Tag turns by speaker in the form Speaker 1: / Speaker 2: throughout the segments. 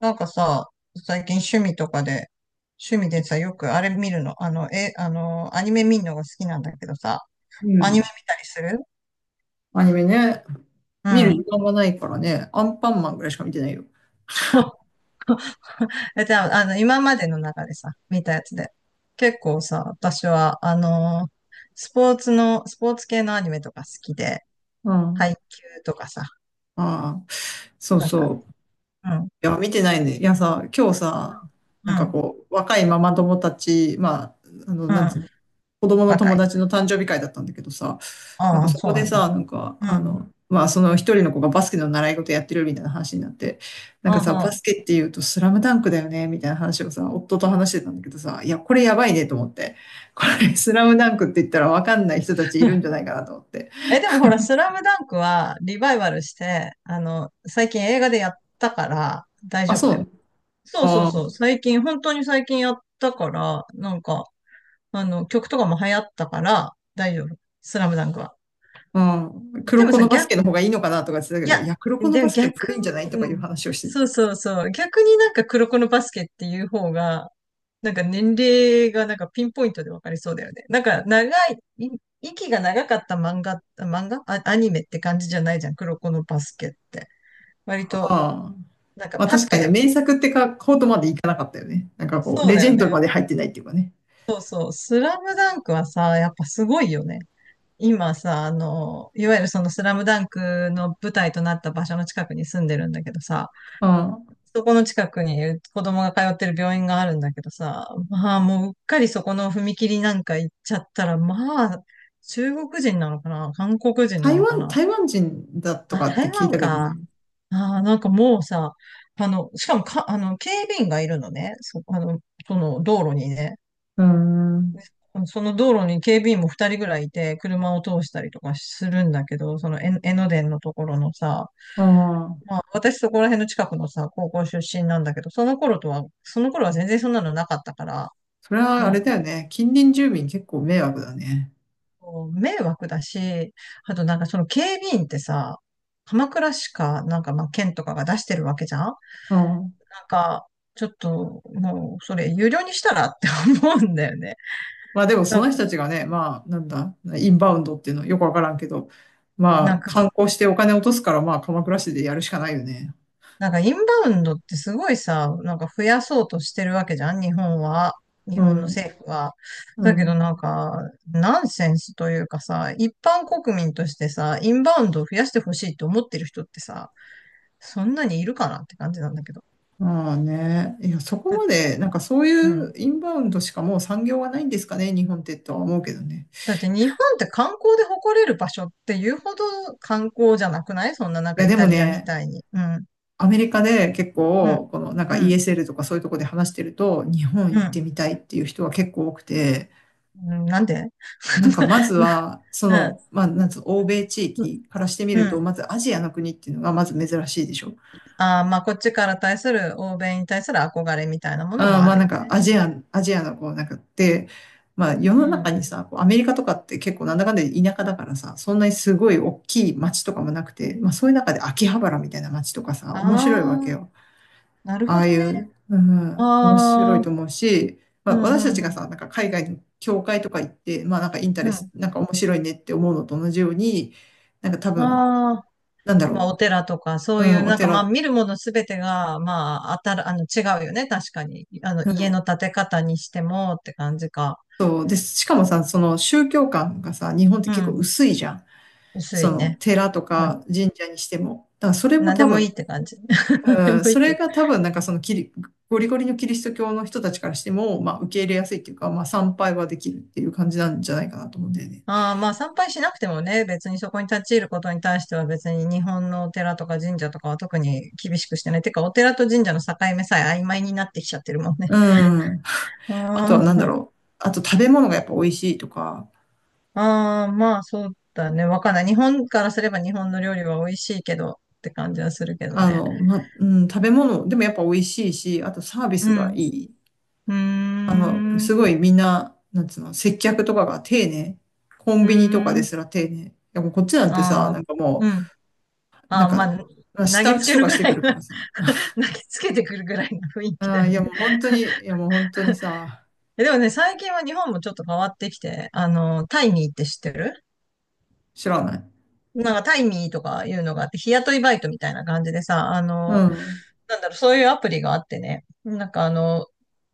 Speaker 1: なんかさ、最近趣味とかで、趣味でさ、よくあれ見るの、あの、え、あの、アニメ見るのが好きなんだけどさ、
Speaker 2: う
Speaker 1: アニメ
Speaker 2: ん。
Speaker 1: 見たりする。
Speaker 2: アニメね。
Speaker 1: う
Speaker 2: 見る時
Speaker 1: ん。
Speaker 2: 間がないからね。アンパンマンぐらいしか見てないよ。
Speaker 1: え、じゃあ、今までの中でさ、見たやつで。結構さ、私は、スポーツ系のアニメとか好きで、
Speaker 2: うん。
Speaker 1: 配球とかさ、
Speaker 2: ああ、そう
Speaker 1: なんか、
Speaker 2: そう。
Speaker 1: うん、
Speaker 2: いや、見てないね。いやさ、今日さ、
Speaker 1: う
Speaker 2: なんか
Speaker 1: ん、
Speaker 2: こう、若いママ友たち、まあ、あの、
Speaker 1: う
Speaker 2: なんつうの、
Speaker 1: ん、
Speaker 2: 子供の
Speaker 1: 若
Speaker 2: 友
Speaker 1: い。
Speaker 2: 達の誕生日会だったんだけどさ、なん
Speaker 1: あ
Speaker 2: か
Speaker 1: あ、
Speaker 2: そ
Speaker 1: そ
Speaker 2: こ
Speaker 1: うな
Speaker 2: で
Speaker 1: んだ。
Speaker 2: さ、
Speaker 1: うん、
Speaker 2: まあその一人の子がバスケの習い事やってるみたいな話になって、な
Speaker 1: う
Speaker 2: ん
Speaker 1: ん、
Speaker 2: かさ、バ
Speaker 1: う
Speaker 2: ス
Speaker 1: ん。
Speaker 2: ケって言うとスラムダンクだよね、みたいな話をさ、夫と話してたんだけどさ、いや、これやばいねと思って。これスラムダンクって言ったらわかんない人たちいるんじゃないかなと思って。
Speaker 1: え、でもほら、スラムダンクはリバイバルして、最近映画でやったから大
Speaker 2: あ、
Speaker 1: 丈夫だ
Speaker 2: そ
Speaker 1: よ。
Speaker 2: う
Speaker 1: そうそう
Speaker 2: あ
Speaker 1: そう。最近、本当に最近やったから、なんか、曲とかも流行ったから大丈夫。スラムダンクは。
Speaker 2: あ、うん。
Speaker 1: で
Speaker 2: 黒
Speaker 1: も
Speaker 2: 子
Speaker 1: さ、
Speaker 2: のバス
Speaker 1: 逆
Speaker 2: ケの方がいいのかなとか言ってたけ
Speaker 1: いや、
Speaker 2: ど、いや、黒子の
Speaker 1: で
Speaker 2: バ
Speaker 1: も
Speaker 2: スケも
Speaker 1: 逆
Speaker 2: 古いんじゃないと
Speaker 1: に、
Speaker 2: か
Speaker 1: う
Speaker 2: いう
Speaker 1: ん。
Speaker 2: 話をして
Speaker 1: そうそうそう。逆になんか黒子のバスケっていう方が、なんか年齢がなんかピンポイントでわかりそうだよね。なんか長い、い息が長かった漫画、漫画あ、アニメって感じじゃないじゃん。黒子のバスケって。
Speaker 2: た。
Speaker 1: 割と、
Speaker 2: ああ。
Speaker 1: なんか
Speaker 2: まあ
Speaker 1: パ
Speaker 2: 確
Speaker 1: ッ
Speaker 2: か
Speaker 1: と
Speaker 2: にね、
Speaker 1: やる。
Speaker 2: 名作ってか、ほどまでいかなかったよね。なんかこう、
Speaker 1: そう
Speaker 2: レ
Speaker 1: だ
Speaker 2: ジェ
Speaker 1: よ
Speaker 2: ンド
Speaker 1: ね。
Speaker 2: まで入ってないっていうかね。
Speaker 1: そうそう。スラムダンクはさ、やっぱすごいよね。今さ、いわゆるそのスラムダンクの舞台となった場所の近くに住んでるんだけどさ、
Speaker 2: うん。
Speaker 1: そこの近くに子供が通ってる病院があるんだけどさ、まあもううっかりそこの踏切なんか行っちゃったら、まあ中国人なのかな、韓国人なのかな。
Speaker 2: 台湾人だと
Speaker 1: あ、
Speaker 2: かって
Speaker 1: 台
Speaker 2: 聞い
Speaker 1: 湾
Speaker 2: たけど
Speaker 1: か。
Speaker 2: ね。
Speaker 1: あー、なんかもうさ、あの、しかもか、あの、警備員がいるのね。その道路にね。
Speaker 2: うーん。
Speaker 1: その道路に警備員も二人ぐらいいて、車を通したりとかするんだけど、その江ノ電のところのさ、
Speaker 2: ああ。
Speaker 1: 私そこら辺の近くのさ、高校出身なんだけど、その頃とは、その頃は全然そんなのなかったから、
Speaker 2: それはあ
Speaker 1: なん
Speaker 2: れ
Speaker 1: か
Speaker 2: だよね。近隣住民結構迷惑だね。
Speaker 1: こう、迷惑だし、あとなんかその警備員ってさ、鎌倉市か、なんかまあ県とかが出してるわけじゃん。なん
Speaker 2: うん。
Speaker 1: か、ちょっともうそれ有料にしたらって思うんだよね。
Speaker 2: まあでもそ
Speaker 1: なん
Speaker 2: の
Speaker 1: か、
Speaker 2: 人たちがね、まあなんだ、インバウンドっていうのよくわからんけど、ま
Speaker 1: なん
Speaker 2: あ
Speaker 1: か
Speaker 2: 観光してお金落とすからまあ鎌倉市でやるしかないよね。
Speaker 1: なんか、インバウンドってすごいさ、なんか増やそうとしてるわけじゃん、日本は。日
Speaker 2: う
Speaker 1: 本の
Speaker 2: ん。
Speaker 1: 政府は。
Speaker 2: う
Speaker 1: だけど
Speaker 2: ん。
Speaker 1: なんか、ナンセンスというかさ、一般国民としてさ、インバウンドを増やしてほしいと思ってる人ってさ、そんなにいるかなって感じなんだけど。
Speaker 2: まあね。いや、そこまで、なんかそうい
Speaker 1: うん。
Speaker 2: うインバウンドしかもう産業がないんですかね、日本ってとは思うけどね。
Speaker 1: だって日本って観光で誇れる場所っていうほど観光じゃなくない？そんな、なん
Speaker 2: い
Speaker 1: か
Speaker 2: や、
Speaker 1: イ
Speaker 2: でも
Speaker 1: タリアみ
Speaker 2: ね、
Speaker 1: たいに。うん。
Speaker 2: アメリカで結
Speaker 1: うん。
Speaker 2: 構、このなん
Speaker 1: う
Speaker 2: か
Speaker 1: ん。
Speaker 2: ESL とかそういうとこで話してると、日本
Speaker 1: う
Speaker 2: 行って
Speaker 1: ん。
Speaker 2: みたいっていう人は結構多くて、
Speaker 1: うん、なんで？
Speaker 2: なんかまず
Speaker 1: な
Speaker 2: は、そ
Speaker 1: な
Speaker 2: の、まあ、なんつうの、欧米地
Speaker 1: うん。
Speaker 2: 域からしてみ
Speaker 1: う
Speaker 2: ると、ま
Speaker 1: ん。
Speaker 2: ずアジアの国っていうのがまず珍しいでしょ。
Speaker 1: ああ、まあ、こっちから対する、欧米に対する憧れみたいなもの
Speaker 2: あー
Speaker 1: もあ
Speaker 2: まあ
Speaker 1: る
Speaker 2: な
Speaker 1: よ
Speaker 2: んか
Speaker 1: ね。
Speaker 2: アジアのこうなんかって、まあ世
Speaker 1: う
Speaker 2: の中
Speaker 1: ん。
Speaker 2: にさ、こうアメリカとかって結構なんだかんだで田舎だからさ、そんなにすごい大きい街とかもなくて、まあそういう中で秋葉原みたいな街とかさ、面白
Speaker 1: あ
Speaker 2: いわけ
Speaker 1: あ、
Speaker 2: よ。
Speaker 1: なる
Speaker 2: あ
Speaker 1: ほ
Speaker 2: あ
Speaker 1: ど
Speaker 2: い
Speaker 1: ね。
Speaker 2: う、うん、面白い
Speaker 1: ああ、
Speaker 2: と思うし、ま
Speaker 1: う
Speaker 2: あ、
Speaker 1: ん、うん、
Speaker 2: 私たち
Speaker 1: う
Speaker 2: が
Speaker 1: ん。
Speaker 2: さ、なんか海外の教会とか行って、まあなんかインタ
Speaker 1: う
Speaker 2: レス、
Speaker 1: ん。
Speaker 2: なんか面白いねって思うのと同じように、なんか多分、
Speaker 1: ああ、
Speaker 2: なんだ
Speaker 1: まあ、
Speaker 2: ろ
Speaker 1: お寺とか、そ
Speaker 2: う、う
Speaker 1: ういう、
Speaker 2: ん、お
Speaker 1: なんか、まあ、
Speaker 2: 寺
Speaker 1: 見るものすべてが、まあ、あたら、あの、違うよね。確かに。家の建て方にしても、って感じか。
Speaker 2: と、で、しかもさ、その宗教観がさ、日本って
Speaker 1: う
Speaker 2: 結構
Speaker 1: ん。
Speaker 2: 薄いじゃん。
Speaker 1: 薄
Speaker 2: そ
Speaker 1: い
Speaker 2: の
Speaker 1: ね。
Speaker 2: 寺と
Speaker 1: はい。
Speaker 2: か神社にしても。だからそれも
Speaker 1: 何で
Speaker 2: 多
Speaker 1: もいい
Speaker 2: 分、
Speaker 1: って感じ。何で
Speaker 2: う
Speaker 1: も
Speaker 2: ん、
Speaker 1: いい
Speaker 2: そ
Speaker 1: っ
Speaker 2: れ
Speaker 1: て。
Speaker 2: が多分なんかそのキリ、ゴリゴリのキリスト教の人たちからしても、まあ受け入れやすいっていうか、まあ参拝はできるっていう感じなんじゃないかなと思うんだよね。
Speaker 1: ああ、まあ参拝しなくてもね、別にそこに立ち入ることに対しては別に日本のお寺とか神社とかは特に厳しくしてない。てか、お寺と神社の境目さえ曖昧になってきちゃってるもんね。
Speaker 2: うん。あとは何だ
Speaker 1: あ
Speaker 2: ろう。あと食べ物がやっぱ美味しいとか、
Speaker 1: あ、ああ、まあそうだね。わかんない。日本からすれば日本の料理は美味しいけどって感じはするけどね。
Speaker 2: うん、食べ物でもやっぱ美味しいし、あとサービ
Speaker 1: う
Speaker 2: スが
Speaker 1: ん。
Speaker 2: いい。
Speaker 1: うーん。う
Speaker 2: すごいみんな、なんつうの、接客とかが丁寧。コ
Speaker 1: ー
Speaker 2: ンビニとかで
Speaker 1: ん。
Speaker 2: すら丁寧。いやもうこっちなんてさ、
Speaker 1: あ
Speaker 2: な
Speaker 1: あ、
Speaker 2: んかも
Speaker 1: うん。
Speaker 2: う、
Speaker 1: ああ、まあ、投
Speaker 2: 舌
Speaker 1: げ
Speaker 2: 打
Speaker 1: つ
Speaker 2: ち
Speaker 1: け
Speaker 2: と
Speaker 1: る
Speaker 2: かし
Speaker 1: ぐ
Speaker 2: て
Speaker 1: ら
Speaker 2: く
Speaker 1: い
Speaker 2: るか
Speaker 1: な
Speaker 2: らさ。
Speaker 1: 投げつけてくるぐらいの雰囲気
Speaker 2: あ
Speaker 1: だ
Speaker 2: ー、
Speaker 1: よね。
Speaker 2: いやもう本当にさ、
Speaker 1: でもね、最近は日本もちょっと変わってきて、タイミーって知ってる？
Speaker 2: 知らない。
Speaker 1: なんかタイミーとかいうのがあって、日雇いバイトみたいな感じでさ、
Speaker 2: うん。
Speaker 1: そういうアプリがあってね。なんかあの、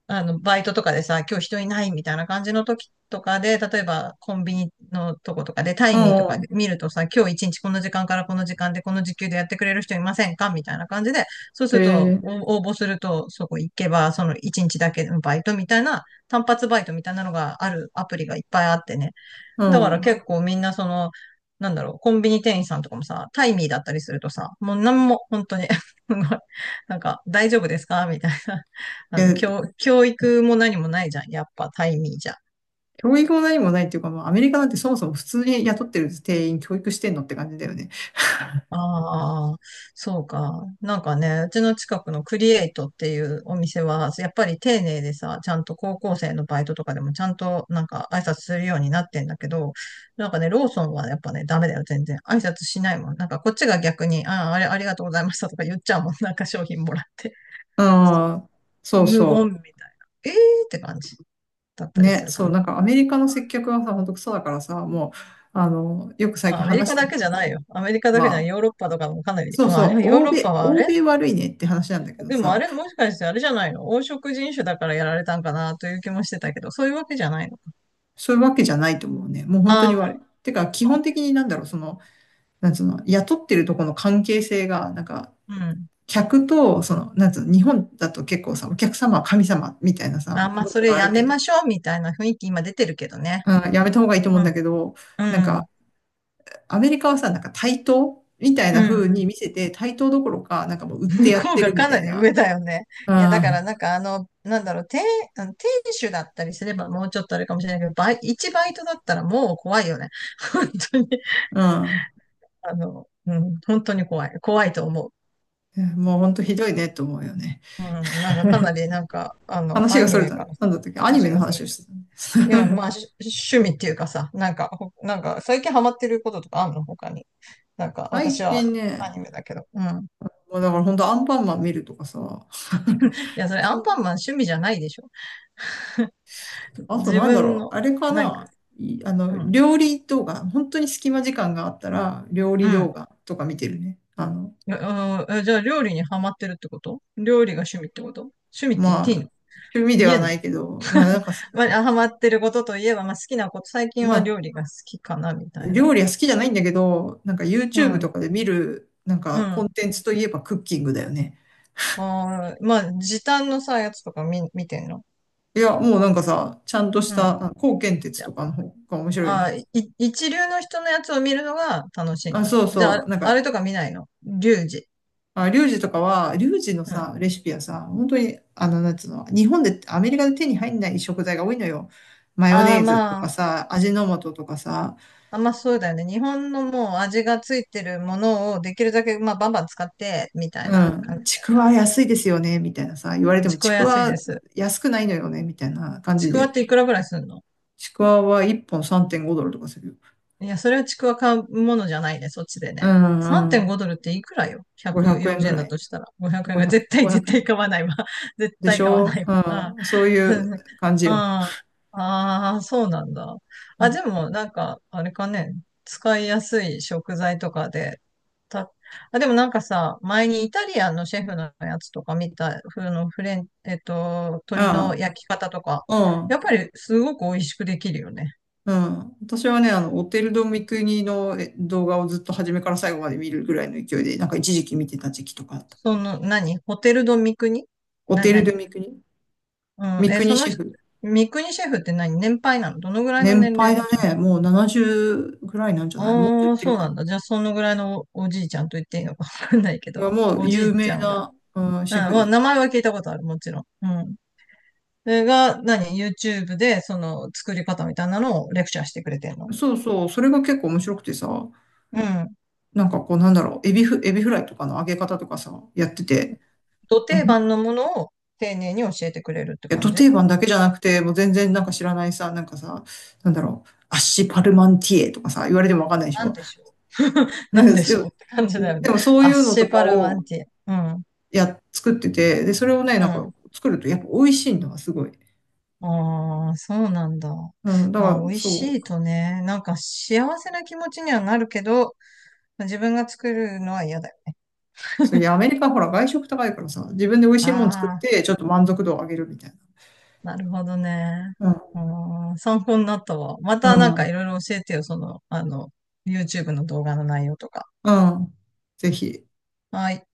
Speaker 1: あの、バイトとかでさ、今日人いないみたいな感じの時とかで、例えばコンビニのとことかで、タ
Speaker 2: う
Speaker 1: イミーとか
Speaker 2: ん。
Speaker 1: で見るとさ、今日一日この時間からこの時間でこの時給でやってくれる人いませんかみたいな感じで、そうす
Speaker 2: え
Speaker 1: ると、
Speaker 2: ー、
Speaker 1: 応募すると、そこ行けば、その一日だけのバイトみたいな、単発バイトみたいなのがあるアプリがいっぱいあってね。
Speaker 2: う
Speaker 1: だから
Speaker 2: ん。
Speaker 1: 結構みんなその、なんだろう、コンビニ店員さんとかもさ、タイミーだったりするとさ、もうなんも、本当に なんか、大丈夫ですかみたいな。
Speaker 2: え
Speaker 1: 教育も何もないじゃん。やっぱタイミーじゃん。
Speaker 2: 教育も何もないっていうか、まあ、アメリカなんてそもそも普通に雇ってる定員教育してんのって感じだよね。
Speaker 1: ああ、そうか。なんかね、うちの近くのクリエイトっていうお店は、やっぱり丁寧でさ、ちゃんと高校生のバイトとかでもちゃんとなんか挨拶するようになってんだけど、なんかね、ローソンはやっぱね、ダメだよ、全然。挨拶しないもん。なんかこっちが逆に、ああ、あれ、ありがとうございましたとか言っちゃうもん。なんか商品もらって。
Speaker 2: うん、そう
Speaker 1: 無言
Speaker 2: そ
Speaker 1: みたいな。えーって感じだっ
Speaker 2: う。
Speaker 1: たりす
Speaker 2: ね、
Speaker 1: るか
Speaker 2: そう、
Speaker 1: な。
Speaker 2: なんかアメリカの接客はさ、ほんとクソだからさ、もう、よく最
Speaker 1: まあ、
Speaker 2: 近
Speaker 1: アメリ
Speaker 2: 話し
Speaker 1: カ
Speaker 2: てん
Speaker 1: だ
Speaker 2: だ
Speaker 1: け
Speaker 2: け
Speaker 1: じ
Speaker 2: ど、
Speaker 1: ゃないよ。アメリカだ
Speaker 2: ま
Speaker 1: けじゃない。
Speaker 2: あ、
Speaker 1: ヨーロッパとかもかなり。
Speaker 2: そう
Speaker 1: まあ、
Speaker 2: そ
Speaker 1: あれ
Speaker 2: う、
Speaker 1: はヨーロッパはあ
Speaker 2: 欧
Speaker 1: れ
Speaker 2: 米悪いねって話なんだけど
Speaker 1: でもあ
Speaker 2: さ、
Speaker 1: れ、もしかしてあれじゃないの？黄色人種だからやられたんかなという気もしてたけど、そういうわけじゃないの？
Speaker 2: そういうわけじゃないと思うね。もう本当
Speaker 1: ああ、
Speaker 2: に悪い。てか、基
Speaker 1: まあ、
Speaker 2: 本
Speaker 1: OK。
Speaker 2: 的になんだろう、その、なんつうの、雇ってるとこの関係性が、なんか、
Speaker 1: うん。
Speaker 2: 客と、その、なんつうの、日本だと結構さ、お客様は神様みたいなさ、
Speaker 1: あーまあ、
Speaker 2: 文
Speaker 1: そ
Speaker 2: 化
Speaker 1: れ
Speaker 2: があ
Speaker 1: や
Speaker 2: る
Speaker 1: め
Speaker 2: けど、
Speaker 1: ましょうみたいな雰囲気今出てるけどね。
Speaker 2: うん、やめた方がいいと思う
Speaker 1: う
Speaker 2: んだ
Speaker 1: ん、
Speaker 2: けど、
Speaker 1: う
Speaker 2: なん
Speaker 1: ん、うん。
Speaker 2: か、アメリカはさ、なんか対等みたい
Speaker 1: う
Speaker 2: な風
Speaker 1: ん。
Speaker 2: に見せて、対等どころか、なんかもう売って
Speaker 1: 向
Speaker 2: やっ
Speaker 1: こう
Speaker 2: て
Speaker 1: が
Speaker 2: るみ
Speaker 1: か
Speaker 2: た
Speaker 1: な
Speaker 2: い
Speaker 1: り
Speaker 2: な。
Speaker 1: 上だよね。
Speaker 2: う
Speaker 1: いや、だから
Speaker 2: ん、
Speaker 1: なんかあの、なんだろう、店、あの店主だったりすればもうちょっとあれかもしれないけど、一バイトだったらもう怖いよね。本当に。
Speaker 2: うん。
Speaker 1: うん、本当に怖い。怖いと思う。
Speaker 2: もうほんとひどいねと思うよね。
Speaker 1: うん、なんかかなりなんか、
Speaker 2: 話
Speaker 1: ア
Speaker 2: が
Speaker 1: ニ
Speaker 2: それ
Speaker 1: メ
Speaker 2: た
Speaker 1: か
Speaker 2: ね。
Speaker 1: らさ、
Speaker 2: なんだったっけアニ
Speaker 1: 話
Speaker 2: メの
Speaker 1: がす
Speaker 2: 話
Speaker 1: る。
Speaker 2: をして
Speaker 1: い
Speaker 2: た
Speaker 1: や、
Speaker 2: ね。
Speaker 1: まあ、趣味っていうかさ、なんか、なんか、最近ハマってることとかあんの他に。なんか、私
Speaker 2: 最近
Speaker 1: はア
Speaker 2: ね、
Speaker 1: ニメだけど。うん。い
Speaker 2: もうだからほんとアンパンマン見るとかさ、
Speaker 1: や、それアン
Speaker 2: そ
Speaker 1: パンマン趣味じゃないでしょ。
Speaker 2: あと
Speaker 1: 自
Speaker 2: なんだ
Speaker 1: 分
Speaker 2: ろう、
Speaker 1: の、
Speaker 2: あれか
Speaker 1: なんか、
Speaker 2: な、いあ
Speaker 1: う
Speaker 2: の、
Speaker 1: ん、
Speaker 2: 料理動画、本当に隙間時間があったら、料
Speaker 1: う
Speaker 2: 理動
Speaker 1: ん。
Speaker 2: 画とか見てるね。
Speaker 1: うん、うん、じゃあ、料理にハマってるってこと？料理が趣味ってこと？趣味って言っ
Speaker 2: ま
Speaker 1: ていいの？
Speaker 2: あ、趣味では
Speaker 1: 言えん
Speaker 2: な
Speaker 1: の？
Speaker 2: いけど、
Speaker 1: まあ、ハマってることといえば、まあ、好きなこと、最近
Speaker 2: ま
Speaker 1: は
Speaker 2: あ、
Speaker 1: 料理が好きかな、みたいな。
Speaker 2: 料理は好きじゃないんだけど、なんか
Speaker 1: う
Speaker 2: YouTube
Speaker 1: ん、
Speaker 2: とかで見る、なん
Speaker 1: う
Speaker 2: かコン
Speaker 1: ん。
Speaker 2: テンツといえばクッキングだよね。
Speaker 1: あーまあ、時短のさ、やつとか見てんの？
Speaker 2: いや、もうなんかさ、ちゃんとし
Speaker 1: うん。
Speaker 2: た、高健鉄とかの方が面白いよ
Speaker 1: ああ、
Speaker 2: ね。
Speaker 1: 一流の人のやつを見るのが楽しいん
Speaker 2: あ、
Speaker 1: だ。
Speaker 2: そう
Speaker 1: じゃ
Speaker 2: そ
Speaker 1: あ、
Speaker 2: う。なん
Speaker 1: あれ
Speaker 2: か、
Speaker 1: とか見ないの？リュウジ。
Speaker 2: あ、リュウジの
Speaker 1: うん。
Speaker 2: さ、レシピはさ、本当に、あの、なんつうの、日本で、アメリカで手に入んない食材が多いのよ。マヨ
Speaker 1: あ
Speaker 2: ネ
Speaker 1: あ、
Speaker 2: ーズと
Speaker 1: ま
Speaker 2: か
Speaker 1: あ、
Speaker 2: さ、味の素とかさ、
Speaker 1: あんまあそうだよね。日本のもう味がついてるものをできるだけ、まあ、バンバン使って、みたい
Speaker 2: う
Speaker 1: な感じ
Speaker 2: ん、ち
Speaker 1: だよ
Speaker 2: く
Speaker 1: ね、あ
Speaker 2: わ
Speaker 1: そこ。
Speaker 2: 安いですよね、みたいなさ、言われても、
Speaker 1: ちく
Speaker 2: ち
Speaker 1: わ
Speaker 2: く
Speaker 1: 安い
Speaker 2: わ
Speaker 1: です。
Speaker 2: 安くないのよね、みたいな感
Speaker 1: ち
Speaker 2: じ
Speaker 1: くわ
Speaker 2: で、
Speaker 1: っていくらぐらいすんの？
Speaker 2: ちくわは1本3.5ドルとかするよ。
Speaker 1: いや、それはちくわ買うものじゃないね、そっちで
Speaker 2: う
Speaker 1: ね。
Speaker 2: んうん。
Speaker 1: 3.5ドルっていくらよ？
Speaker 2: 500円ぐ
Speaker 1: 140 円
Speaker 2: ら
Speaker 1: だ
Speaker 2: い。
Speaker 1: としたら。500円が
Speaker 2: 500、
Speaker 1: 絶対、
Speaker 2: 5
Speaker 1: 絶対
Speaker 2: 円。
Speaker 1: 買わないわ。絶
Speaker 2: でし
Speaker 1: 対買わ
Speaker 2: ょ
Speaker 1: ない
Speaker 2: う
Speaker 1: わ。
Speaker 2: ん。そうい
Speaker 1: うん。
Speaker 2: う
Speaker 1: うん。
Speaker 2: 感じよ。
Speaker 1: ああ、そうなんだ。
Speaker 2: う
Speaker 1: あ、
Speaker 2: ん
Speaker 1: でも、なんか、あれかね、使いやすい食材とかで、た、あ、でもなんかさ、前にイタリアンのシェフのやつとか見た、ふのフレン、えっと、鶏の
Speaker 2: あ
Speaker 1: 焼き方とか、
Speaker 2: あ、
Speaker 1: やっぱりすごく美味しくできるよね。
Speaker 2: うん、うん。私はね、オテル・ド・ミクニの動画をずっと初めから最後まで見るぐらいの勢いで、なんか一時期見てた時期とかあった。
Speaker 1: 何？ホテルド三国？
Speaker 2: オテル・ド・
Speaker 1: 何？
Speaker 2: ミクニ
Speaker 1: うん、
Speaker 2: ミク
Speaker 1: そ
Speaker 2: ニ
Speaker 1: の
Speaker 2: シェ
Speaker 1: 人、
Speaker 2: フ。
Speaker 1: 三国シェフって何年配なの？どのぐらいの
Speaker 2: 年
Speaker 1: 年
Speaker 2: 配
Speaker 1: 齢
Speaker 2: だ
Speaker 1: の？ちゃんあ
Speaker 2: ね。もう70ぐらいなんじゃない？もっといっ
Speaker 1: あー、
Speaker 2: て
Speaker 1: そ
Speaker 2: る
Speaker 1: うなん
Speaker 2: か
Speaker 1: だ。じゃあ、そのぐらいのおじいちゃんと言っていいのかわかんないけ
Speaker 2: な。
Speaker 1: ど、
Speaker 2: もう
Speaker 1: おじ
Speaker 2: 有
Speaker 1: い
Speaker 2: 名
Speaker 1: ちゃんが。うん、
Speaker 2: な、うん、シェフ
Speaker 1: まあ
Speaker 2: で。
Speaker 1: 名前は聞いたことある、もちろん。うん。それが、何？ YouTube で、作り方みたいなのをレクチャーしてくれてんの？
Speaker 2: そうそう、それが結構面白くてさ、
Speaker 1: うん。
Speaker 2: なんかこうなんだろう、エビフライとかの揚げ方とかさ、やってて、
Speaker 1: ど
Speaker 2: う
Speaker 1: 定
Speaker 2: ん
Speaker 1: 番のものを丁寧に教えてくれるって
Speaker 2: いや、
Speaker 1: 感
Speaker 2: ド
Speaker 1: じ？
Speaker 2: 定番だけじゃなくて、もう全然なんか知らないさ、なんかさ、なんだろう、アッシュパルマンティエとかさ、言われてもわかんないでし
Speaker 1: なん
Speaker 2: ょ。
Speaker 1: でしょう
Speaker 2: う
Speaker 1: なんで
Speaker 2: ん
Speaker 1: しょうって感じだよ
Speaker 2: で
Speaker 1: ね。
Speaker 2: もそう
Speaker 1: ア
Speaker 2: い
Speaker 1: ッ
Speaker 2: うの
Speaker 1: シ
Speaker 2: と
Speaker 1: ェ
Speaker 2: か
Speaker 1: パルマ
Speaker 2: を
Speaker 1: ンティエ。うん。
Speaker 2: 作ってて、で、それをね、
Speaker 1: う
Speaker 2: なんか
Speaker 1: ん。
Speaker 2: 作るとやっぱ美味しいんだわ、すごい。
Speaker 1: ああ、そうなんだ。
Speaker 2: うん、だ
Speaker 1: まあ、
Speaker 2: から
Speaker 1: 美味し
Speaker 2: そ
Speaker 1: い
Speaker 2: う
Speaker 1: とね、なんか幸せな気持ちにはなるけど、自分が作るのは嫌だよ。
Speaker 2: そう、いや、アメリカほら外食高いからさ、自分で美味し
Speaker 1: あ
Speaker 2: いもの作っ
Speaker 1: あ、
Speaker 2: て、ちょっと満足度を上げるみたい
Speaker 1: なるほどね。
Speaker 2: な。
Speaker 1: うん、参考になったわ。ま
Speaker 2: う
Speaker 1: たなんかい
Speaker 2: ん。
Speaker 1: ろいろ教えてよ、YouTube の動画の内容とか。
Speaker 2: うん。うん。ぜひ。
Speaker 1: はい。